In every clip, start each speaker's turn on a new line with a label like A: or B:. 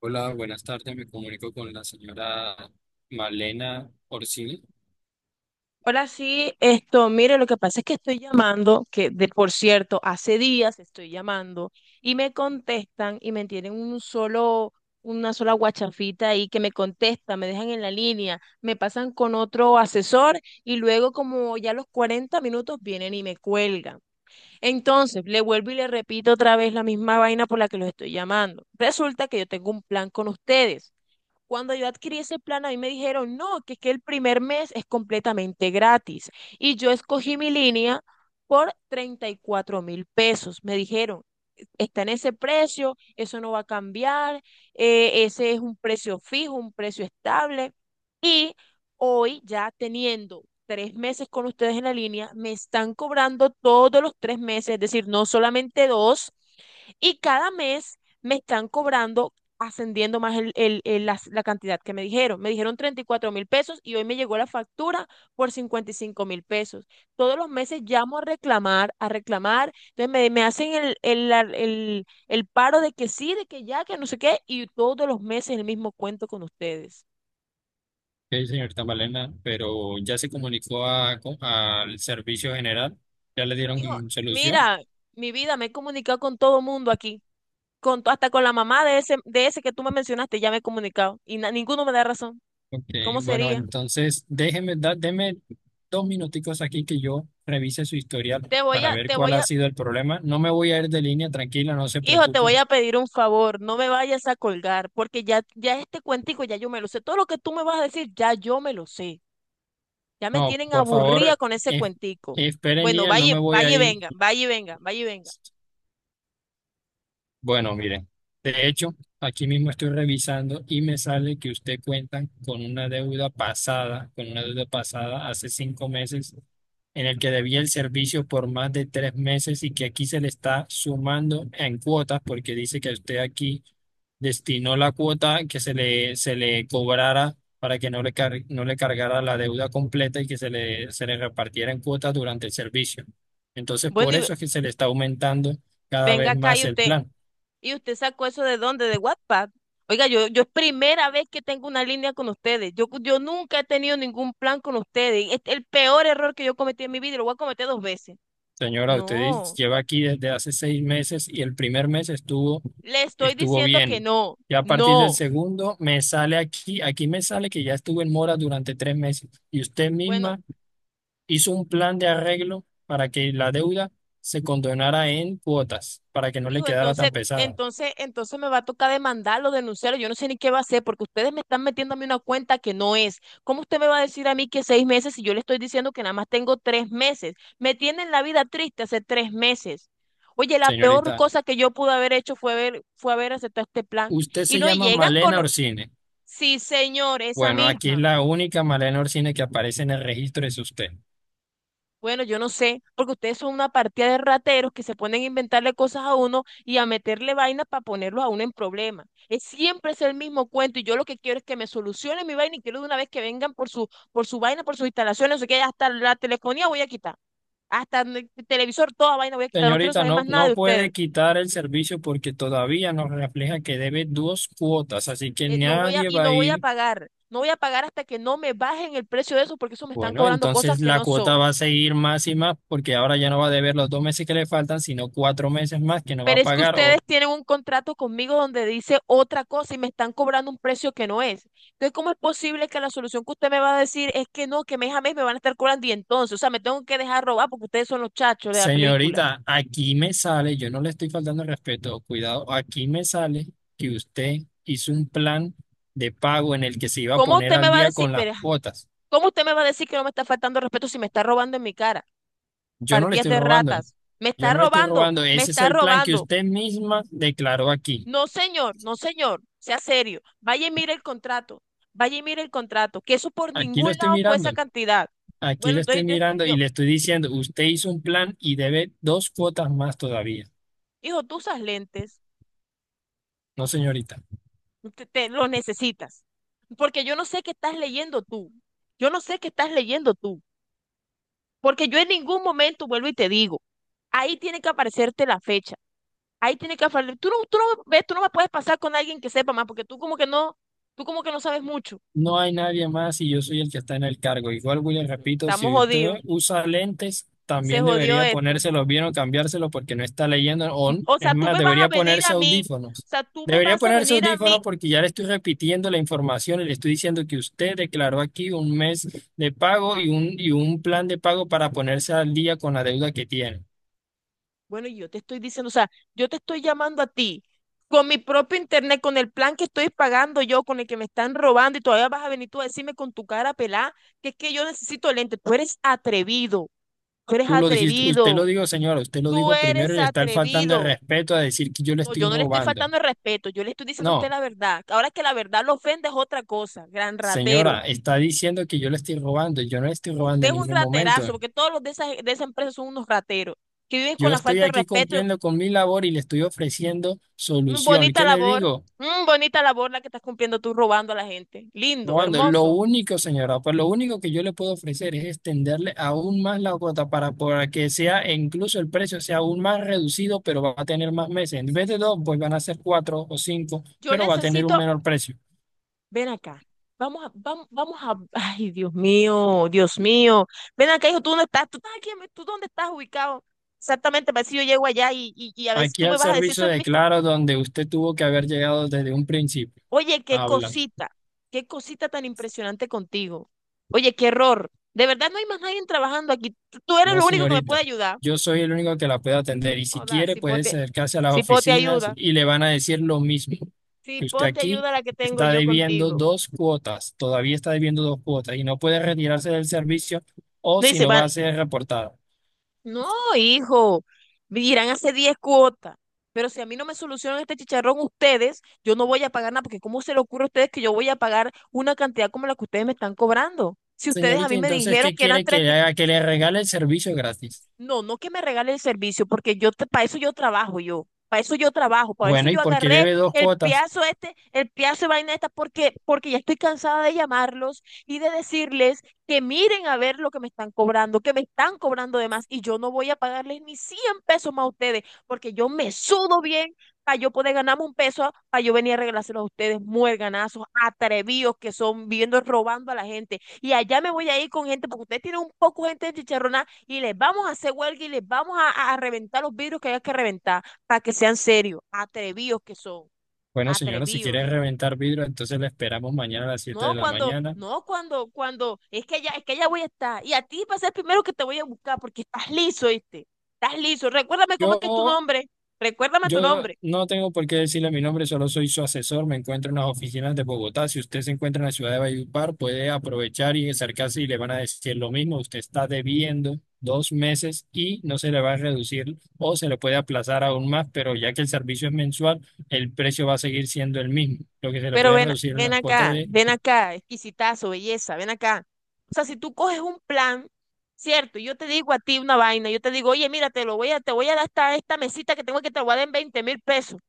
A: Hola, buenas tardes. Me comunico con la señora Malena Orsini.
B: Hola, sí, mire, lo que pasa es que estoy llamando, que de por cierto, hace días estoy llamando y me contestan y me tienen una sola guachafita ahí que me contesta, me dejan en la línea, me pasan con otro asesor y luego como ya a los 40 minutos vienen y me cuelgan. Entonces, le vuelvo y le repito otra vez la misma vaina por la que los estoy llamando. Resulta que yo tengo un plan con ustedes. Cuando yo adquirí ese plan, a mí me dijeron, no, que el primer mes es completamente gratis. Y yo escogí mi línea por 34.000 pesos. Me dijeron, está en ese precio, eso no va a cambiar, ese es un precio fijo, un precio estable. Y hoy ya teniendo 3 meses con ustedes en la línea, me están cobrando todos los 3 meses, es decir, no solamente dos, y cada mes me están cobrando ascendiendo más la cantidad que me dijeron. Me dijeron 34.000 pesos y hoy me llegó la factura por 55.000 pesos. Todos los meses llamo a reclamar, entonces me hacen el paro de que sí, de que ya, que no sé qué, y todos los meses el mismo cuento con ustedes.
A: Sí, señorita Malena, pero ya se comunicó al servicio general. Ya le
B: Hijo,
A: dieron solución.
B: mira, mi vida, me he comunicado con todo el mundo aquí, hasta con la mamá de ese, que tú me mencionaste, ya me he comunicado, y ninguno me da razón.
A: Ok,
B: ¿Cómo
A: bueno,
B: sería?
A: entonces déjeme, deme 2 minuticos aquí que yo revise su historial
B: Te voy
A: para
B: a,
A: ver
B: te
A: cuál
B: voy
A: ha
B: a,
A: sido el problema. No me voy a ir de línea, tranquila, no se
B: hijo, te voy
A: preocupen.
B: a pedir un favor, no me vayas a colgar, porque ya este cuentico ya yo me lo sé. Todo lo que tú me vas a decir, ya yo me lo sé. Ya me
A: No,
B: tienen
A: por
B: aburrida
A: favor,
B: con ese
A: es
B: cuentico.
A: espere en
B: Bueno,
A: línea, no me voy a
B: vaya y
A: ir.
B: venga, vaya y venga, vaya y venga.
A: Bueno, miren, de hecho, aquí mismo estoy revisando y me sale que usted cuenta con una deuda pasada, con una deuda pasada hace 5 meses, en el que debía el servicio por más de 3 meses y que aquí se le está sumando en cuotas porque dice que usted aquí destinó la cuota que se le cobrara para que no le cargara la deuda completa y que se le repartiera en cuotas durante el servicio. Entonces,
B: Bueno,
A: por
B: y
A: eso es que se le está aumentando cada
B: venga
A: vez
B: acá
A: más el plan.
B: y usted sacó eso de dónde, de WhatsApp. Oiga, yo es primera vez que tengo una línea con ustedes. Yo nunca he tenido ningún plan con ustedes. Es el peor error que yo cometí en mi vida y lo voy a cometer dos veces.
A: Señora, usted
B: No,
A: lleva aquí desde hace 6 meses y el primer mes estuvo,
B: le estoy
A: estuvo
B: diciendo que
A: bien.
B: no,
A: Ya a partir del
B: no.
A: segundo me sale aquí me sale que ya estuve en mora durante 3 meses y usted
B: Bueno,
A: misma hizo un plan de arreglo para que la deuda se condonara en cuotas, para que no le
B: digo,
A: quedara tan pesada.
B: entonces me va a tocar demandarlo, denunciarlo. Yo no sé ni qué va a hacer porque ustedes me están metiendo a mí una cuenta que no es. ¿Cómo usted me va a decir a mí que 6 meses si yo le estoy diciendo que nada más tengo 3 meses? Me tienen la vida triste hace 3 meses. Oye, la peor
A: Señorita,
B: cosa que yo pude haber hecho fue fue haber aceptado este plan.
A: usted
B: Y
A: se
B: no y
A: llama
B: llegan con,
A: Malena Orsine.
B: sí, señor, esa
A: Bueno, aquí es
B: misma.
A: la única Malena Orsine que aparece en el registro es usted.
B: Bueno, yo no sé, porque ustedes son una partida de rateros que se ponen a inventarle cosas a uno y a meterle vainas para ponerlo a uno en problemas. Es siempre es el mismo cuento y yo lo que quiero es que me solucionen mi vaina y quiero de una vez que vengan por su, vaina, por sus instalaciones, no sé qué, hasta la telefonía voy a quitar, hasta el televisor, toda vaina voy a quitar, no quiero
A: Señorita,
B: saber más
A: no,
B: nada
A: no
B: de ustedes.
A: puede quitar el servicio porque todavía nos refleja que debe dos cuotas, así que nadie va a
B: No voy a
A: ir.
B: pagar, no voy a pagar hasta que no me bajen el precio de eso porque eso me están
A: Bueno,
B: cobrando cosas
A: entonces
B: que
A: la
B: no
A: cuota
B: son.
A: va a seguir más y más porque ahora ya no va a deber los 2 meses que le faltan, sino 4 meses más que no va a
B: Pero es que
A: pagar.
B: ustedes
A: O
B: tienen un contrato conmigo donde dice otra cosa y me están cobrando un precio que no es. Entonces, ¿cómo es posible que la solución que usted me va a decir es que no, que mes a mes me van a estar cobrando y entonces, o sea, me tengo que dejar robar porque ustedes son los chachos de la película?
A: señorita, aquí me sale, yo no le estoy faltando el respeto, cuidado, aquí me sale que usted hizo un plan de pago en el que se iba a
B: ¿Cómo
A: poner
B: usted me
A: al
B: va a
A: día
B: decir,
A: con las
B: pero,
A: cuotas.
B: cómo usted me va a decir que no me está faltando respeto si me está robando en mi cara?
A: Yo no le
B: Partidas
A: estoy
B: de
A: robando,
B: ratas. Me
A: yo
B: está
A: no le estoy
B: robando,
A: robando,
B: me
A: ese es
B: está
A: el plan que
B: robando.
A: usted misma declaró aquí.
B: No, señor, no, señor, sea serio. Vaya y mire el contrato, vaya y mire el contrato, que eso por
A: Aquí
B: ningún
A: lo estoy
B: lado fue
A: mirando,
B: esa cantidad.
A: aquí
B: Bueno,
A: lo estoy
B: entonces
A: mirando y le estoy diciendo, usted hizo un plan y debe dos cuotas más todavía.
B: hijo, tú usas lentes,
A: No, señorita.
B: los necesitas, porque yo no sé qué estás leyendo tú, yo no sé qué estás leyendo tú, porque yo en ningún momento vuelvo y te digo, ahí tiene que aparecerte la fecha, ahí tiene que aparecer, tú no ves, tú no me puedes pasar con alguien que sepa más, porque tú como que no sabes mucho.
A: No hay nadie más y yo soy el que está en el cargo. Igual, William, repito,
B: Estamos
A: si usted
B: jodidos,
A: usa lentes,
B: se
A: también
B: jodió
A: debería
B: esto.
A: ponérselos bien o cambiárselos porque no está leyendo. O,
B: O
A: es
B: sea, tú
A: más,
B: me vas a
A: debería
B: venir
A: ponerse
B: a mí, o
A: audífonos.
B: sea, tú me
A: Debería
B: vas a
A: ponerse
B: venir a mí.
A: audífonos porque ya le estoy repitiendo la información y le estoy diciendo que usted declaró aquí un mes de pago y un plan de pago para ponerse al día con la deuda que tiene.
B: Bueno, y yo te estoy diciendo, o sea, yo te estoy llamando a ti con mi propio internet, con el plan que estoy pagando yo, con el que me están robando y todavía vas a venir tú a decirme con tu cara pelada que es que yo necesito lente. Tú eres atrevido, tú eres
A: Tú lo dijiste, usted lo
B: atrevido,
A: dijo, señora, usted lo
B: tú
A: dijo primero
B: eres
A: y le está faltando el
B: atrevido.
A: respeto a decir que yo le
B: No,
A: estoy
B: yo no le estoy
A: robando.
B: faltando el respeto, yo le estoy diciendo a usted
A: No.
B: la verdad. Ahora que la verdad lo ofende es otra cosa, gran ratero.
A: Señora, está diciendo que yo le estoy robando. Yo no le estoy robando
B: Usted es
A: en
B: un
A: ningún momento.
B: raterazo, porque todos los de esa, empresa son unos rateros, que viven con
A: Yo
B: la
A: estoy
B: falta de
A: aquí
B: respeto.
A: cumpliendo con mi labor y le estoy ofreciendo solución.
B: Bonita
A: ¿Qué le
B: labor,
A: digo?
B: bonita labor la que estás cumpliendo tú robando a la gente. Lindo,
A: Robando. Lo
B: hermoso.
A: único, señora, pues lo único que yo le puedo ofrecer es extenderle aún más la cuota para que sea, e incluso el precio sea aún más reducido, pero va a tener más meses. En vez de dos, pues van a ser cuatro o cinco,
B: Yo
A: pero va a tener
B: necesito,
A: un menor precio.
B: Ven acá. Vamos a, vamos, vamos a, ay, Dios mío, Dios mío. Ven acá, hijo, ¿tú dónde estás? ¿Tú estás aquí? ¿Tú dónde estás ubicado? Exactamente, para ver si yo llego allá y a ver si
A: Aquí
B: tú me
A: al
B: vas a decir,
A: servicio
B: eso en
A: de
B: mi.
A: Claro, donde usted tuvo que haber llegado desde un principio.
B: Oye,
A: Habla.
B: qué cosita tan impresionante contigo. Oye, qué error. De verdad no hay más nadie trabajando aquí. Tú eres
A: No,
B: lo único que me puede
A: señorita.
B: ayudar.
A: Yo soy el único que la puede atender y si
B: Hola,
A: quiere puede acercarse a las
B: si pote
A: oficinas
B: ayuda.
A: y le van a decir lo mismo,
B: Si
A: que usted
B: pote
A: aquí
B: ayuda la que tengo
A: está
B: yo
A: debiendo
B: contigo.
A: dos cuotas, todavía está debiendo dos cuotas y no puede retirarse del servicio o
B: Me
A: si
B: dice,
A: no
B: van,
A: va a ser reportada.
B: no, hijo, irán hace 10 cuotas. Pero si a mí no me solucionan este chicharrón ustedes, yo no voy a pagar nada, porque ¿cómo se le ocurre a ustedes que yo voy a pagar una cantidad como la que ustedes me están cobrando? Si ustedes a
A: Señorita,
B: mí me
A: entonces,
B: dijeron
A: ¿qué
B: que eran
A: quiere que le
B: 30.
A: haga? Que le regale el servicio gratis.
B: No, no que me regale el servicio, porque yo para eso yo trabajo yo, para eso yo trabajo, para eso
A: Bueno, ¿y
B: yo
A: por qué
B: agarré
A: debe dos
B: el
A: cuotas?
B: piazo este, el piazo de vaina esta, porque ya estoy cansada de llamarlos y de decirles que miren a ver lo que me están cobrando, que me están cobrando de más, y yo no voy a pagarles ni 100 pesos más a ustedes, porque yo me sudo bien para yo poder ganarme un peso, para yo venir a regalárselo a ustedes, muerganazos, atrevidos que son, viviendo robando a la gente. Y allá me voy a ir con gente, porque ustedes tienen un poco de gente de chicharrona y les vamos a hacer huelga y les vamos a reventar los vidrios que hay que reventar para que sean serios, atrevidos que son,
A: Bueno, señora, si quiere
B: atrevidos.
A: reventar vidrio, entonces la esperamos mañana a las 7 de
B: No
A: la
B: cuando,
A: mañana.
B: no cuando, cuando, es que ya voy a estar. Y a ti va a ser el primero que te voy a buscar porque estás liso, ¿viste? Estás liso. Recuérdame cómo es que es tu
A: Yo
B: nombre. Recuérdame tu
A: Yo
B: nombre.
A: no tengo por qué decirle mi nombre, solo soy su asesor. Me encuentro en las oficinas de Bogotá. Si usted se encuentra en la ciudad de Valledupar, puede aprovechar y acercarse y le van a decir lo mismo. Usted está debiendo 2 meses y no se le va a reducir o se le puede aplazar aún más, pero ya que el servicio es mensual, el precio va a seguir siendo el mismo. Lo que se le
B: Pero
A: puede reducir en las cuotas.
B: ven acá, exquisitazo, belleza, ven acá. O sea, si tú coges un plan, cierto, y yo te digo a ti una vaina, yo te digo, oye, mira, te voy a dar esta mesita que tengo que te lo voy a dar en 20.000 pesos.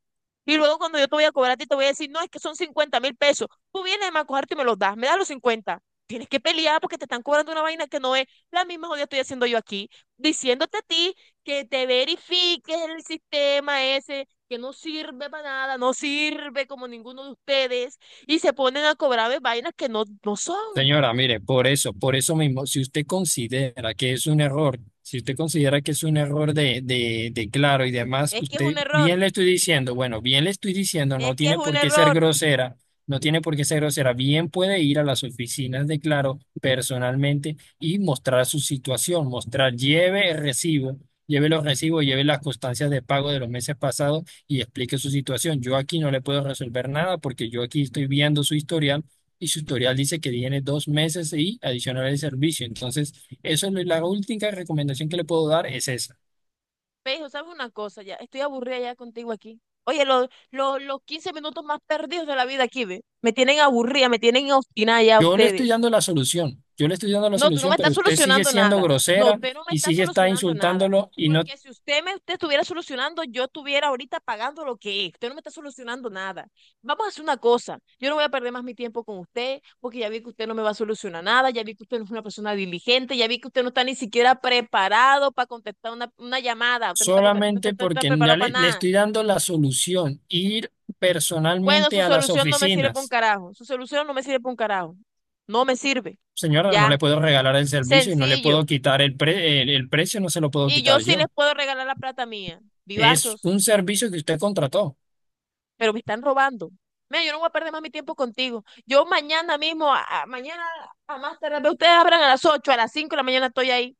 B: Y luego cuando yo te voy a cobrar a ti, te voy a decir, no, es que son 50.000 pesos. Tú vienes a cogerte y me los das, me das los 50. Tienes que pelear porque te están cobrando una vaina que no es la misma jodida estoy haciendo yo aquí, diciéndote a ti que te verifiques el sistema ese, que no sirve para nada, no sirve como ninguno de ustedes, y se ponen a cobrarme vainas que no, no son.
A: Señora, mire, por eso mismo, si usted considera que es un error, si usted considera que es un error de Claro y demás,
B: Es que es un
A: usted bien
B: error,
A: le estoy diciendo, bueno, bien le estoy diciendo, no
B: es que es
A: tiene
B: un
A: por qué ser
B: error.
A: grosera, no tiene por qué ser grosera, bien puede ir a las oficinas de Claro personalmente y mostrar su situación, lleve el recibo, lleve los recibos, lleve las constancias de pago de los meses pasados y explique su situación. Yo aquí no le puedo resolver nada porque yo aquí estoy viendo su historial y su tutorial dice que tiene dos meses y adicional el servicio. Entonces, eso es la última recomendación que le puedo dar es esa.
B: Me dijo, ¿sabes una cosa ya? Estoy aburrida ya contigo aquí. Oye, los 15 minutos más perdidos de la vida aquí, ¿ve? Me tienen aburrida, me tienen obstinada ya
A: Yo le estoy
B: ustedes.
A: dando la solución, yo le estoy dando la
B: No, tú no me
A: solución, pero
B: estás
A: usted sigue
B: solucionando
A: siendo
B: nada. No,
A: grosera
B: usted no me
A: y
B: está
A: sigue está
B: solucionando nada.
A: insultándolo y no
B: Porque si usted estuviera solucionando, yo estuviera ahorita pagando lo que es. Usted no me está solucionando nada. Vamos a hacer una cosa. Yo no voy a perder más mi tiempo con usted, porque ya vi que usted no me va a solucionar nada, ya vi que usted no es una persona diligente, ya vi que usted no está ni siquiera preparado para contestar una llamada. Usted
A: solamente
B: no está
A: porque
B: preparado
A: ya
B: para
A: le
B: nada.
A: estoy dando la solución, ir
B: Bueno,
A: personalmente
B: su
A: a las
B: solución no me sirve para un
A: oficinas.
B: carajo. Su solución no me sirve para un carajo. No me sirve.
A: Señora, no
B: Ya.
A: le puedo regalar el servicio y no le
B: Sencillo.
A: puedo quitar el precio, no se lo puedo
B: Y yo
A: quitar
B: sí les
A: yo.
B: puedo regalar la plata mía,
A: Es
B: vivazos,
A: un servicio que usted contrató.
B: pero me están robando. Mira, yo no voy a perder más mi tiempo contigo. Yo mañana mismo, mañana a más tarde, ustedes abran a las 8 a las 5 de la mañana estoy ahí,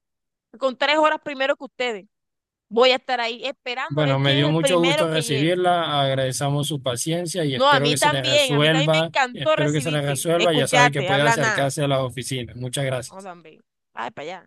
B: con 3 horas primero que ustedes. Voy a estar ahí esperando a
A: Bueno,
B: ver
A: me
B: quién es
A: dio
B: el
A: mucho
B: primero
A: gusto
B: que llega.
A: recibirla, agradecemos su paciencia y
B: No,
A: espero que se le
B: a mí también me
A: resuelva,
B: encantó
A: espero que se le
B: recibirte,
A: resuelva, ya sabe que
B: escucharte,
A: puede
B: hablar nada.
A: acercarse a las oficinas. Muchas
B: No,
A: gracias.
B: también. Ay, para allá.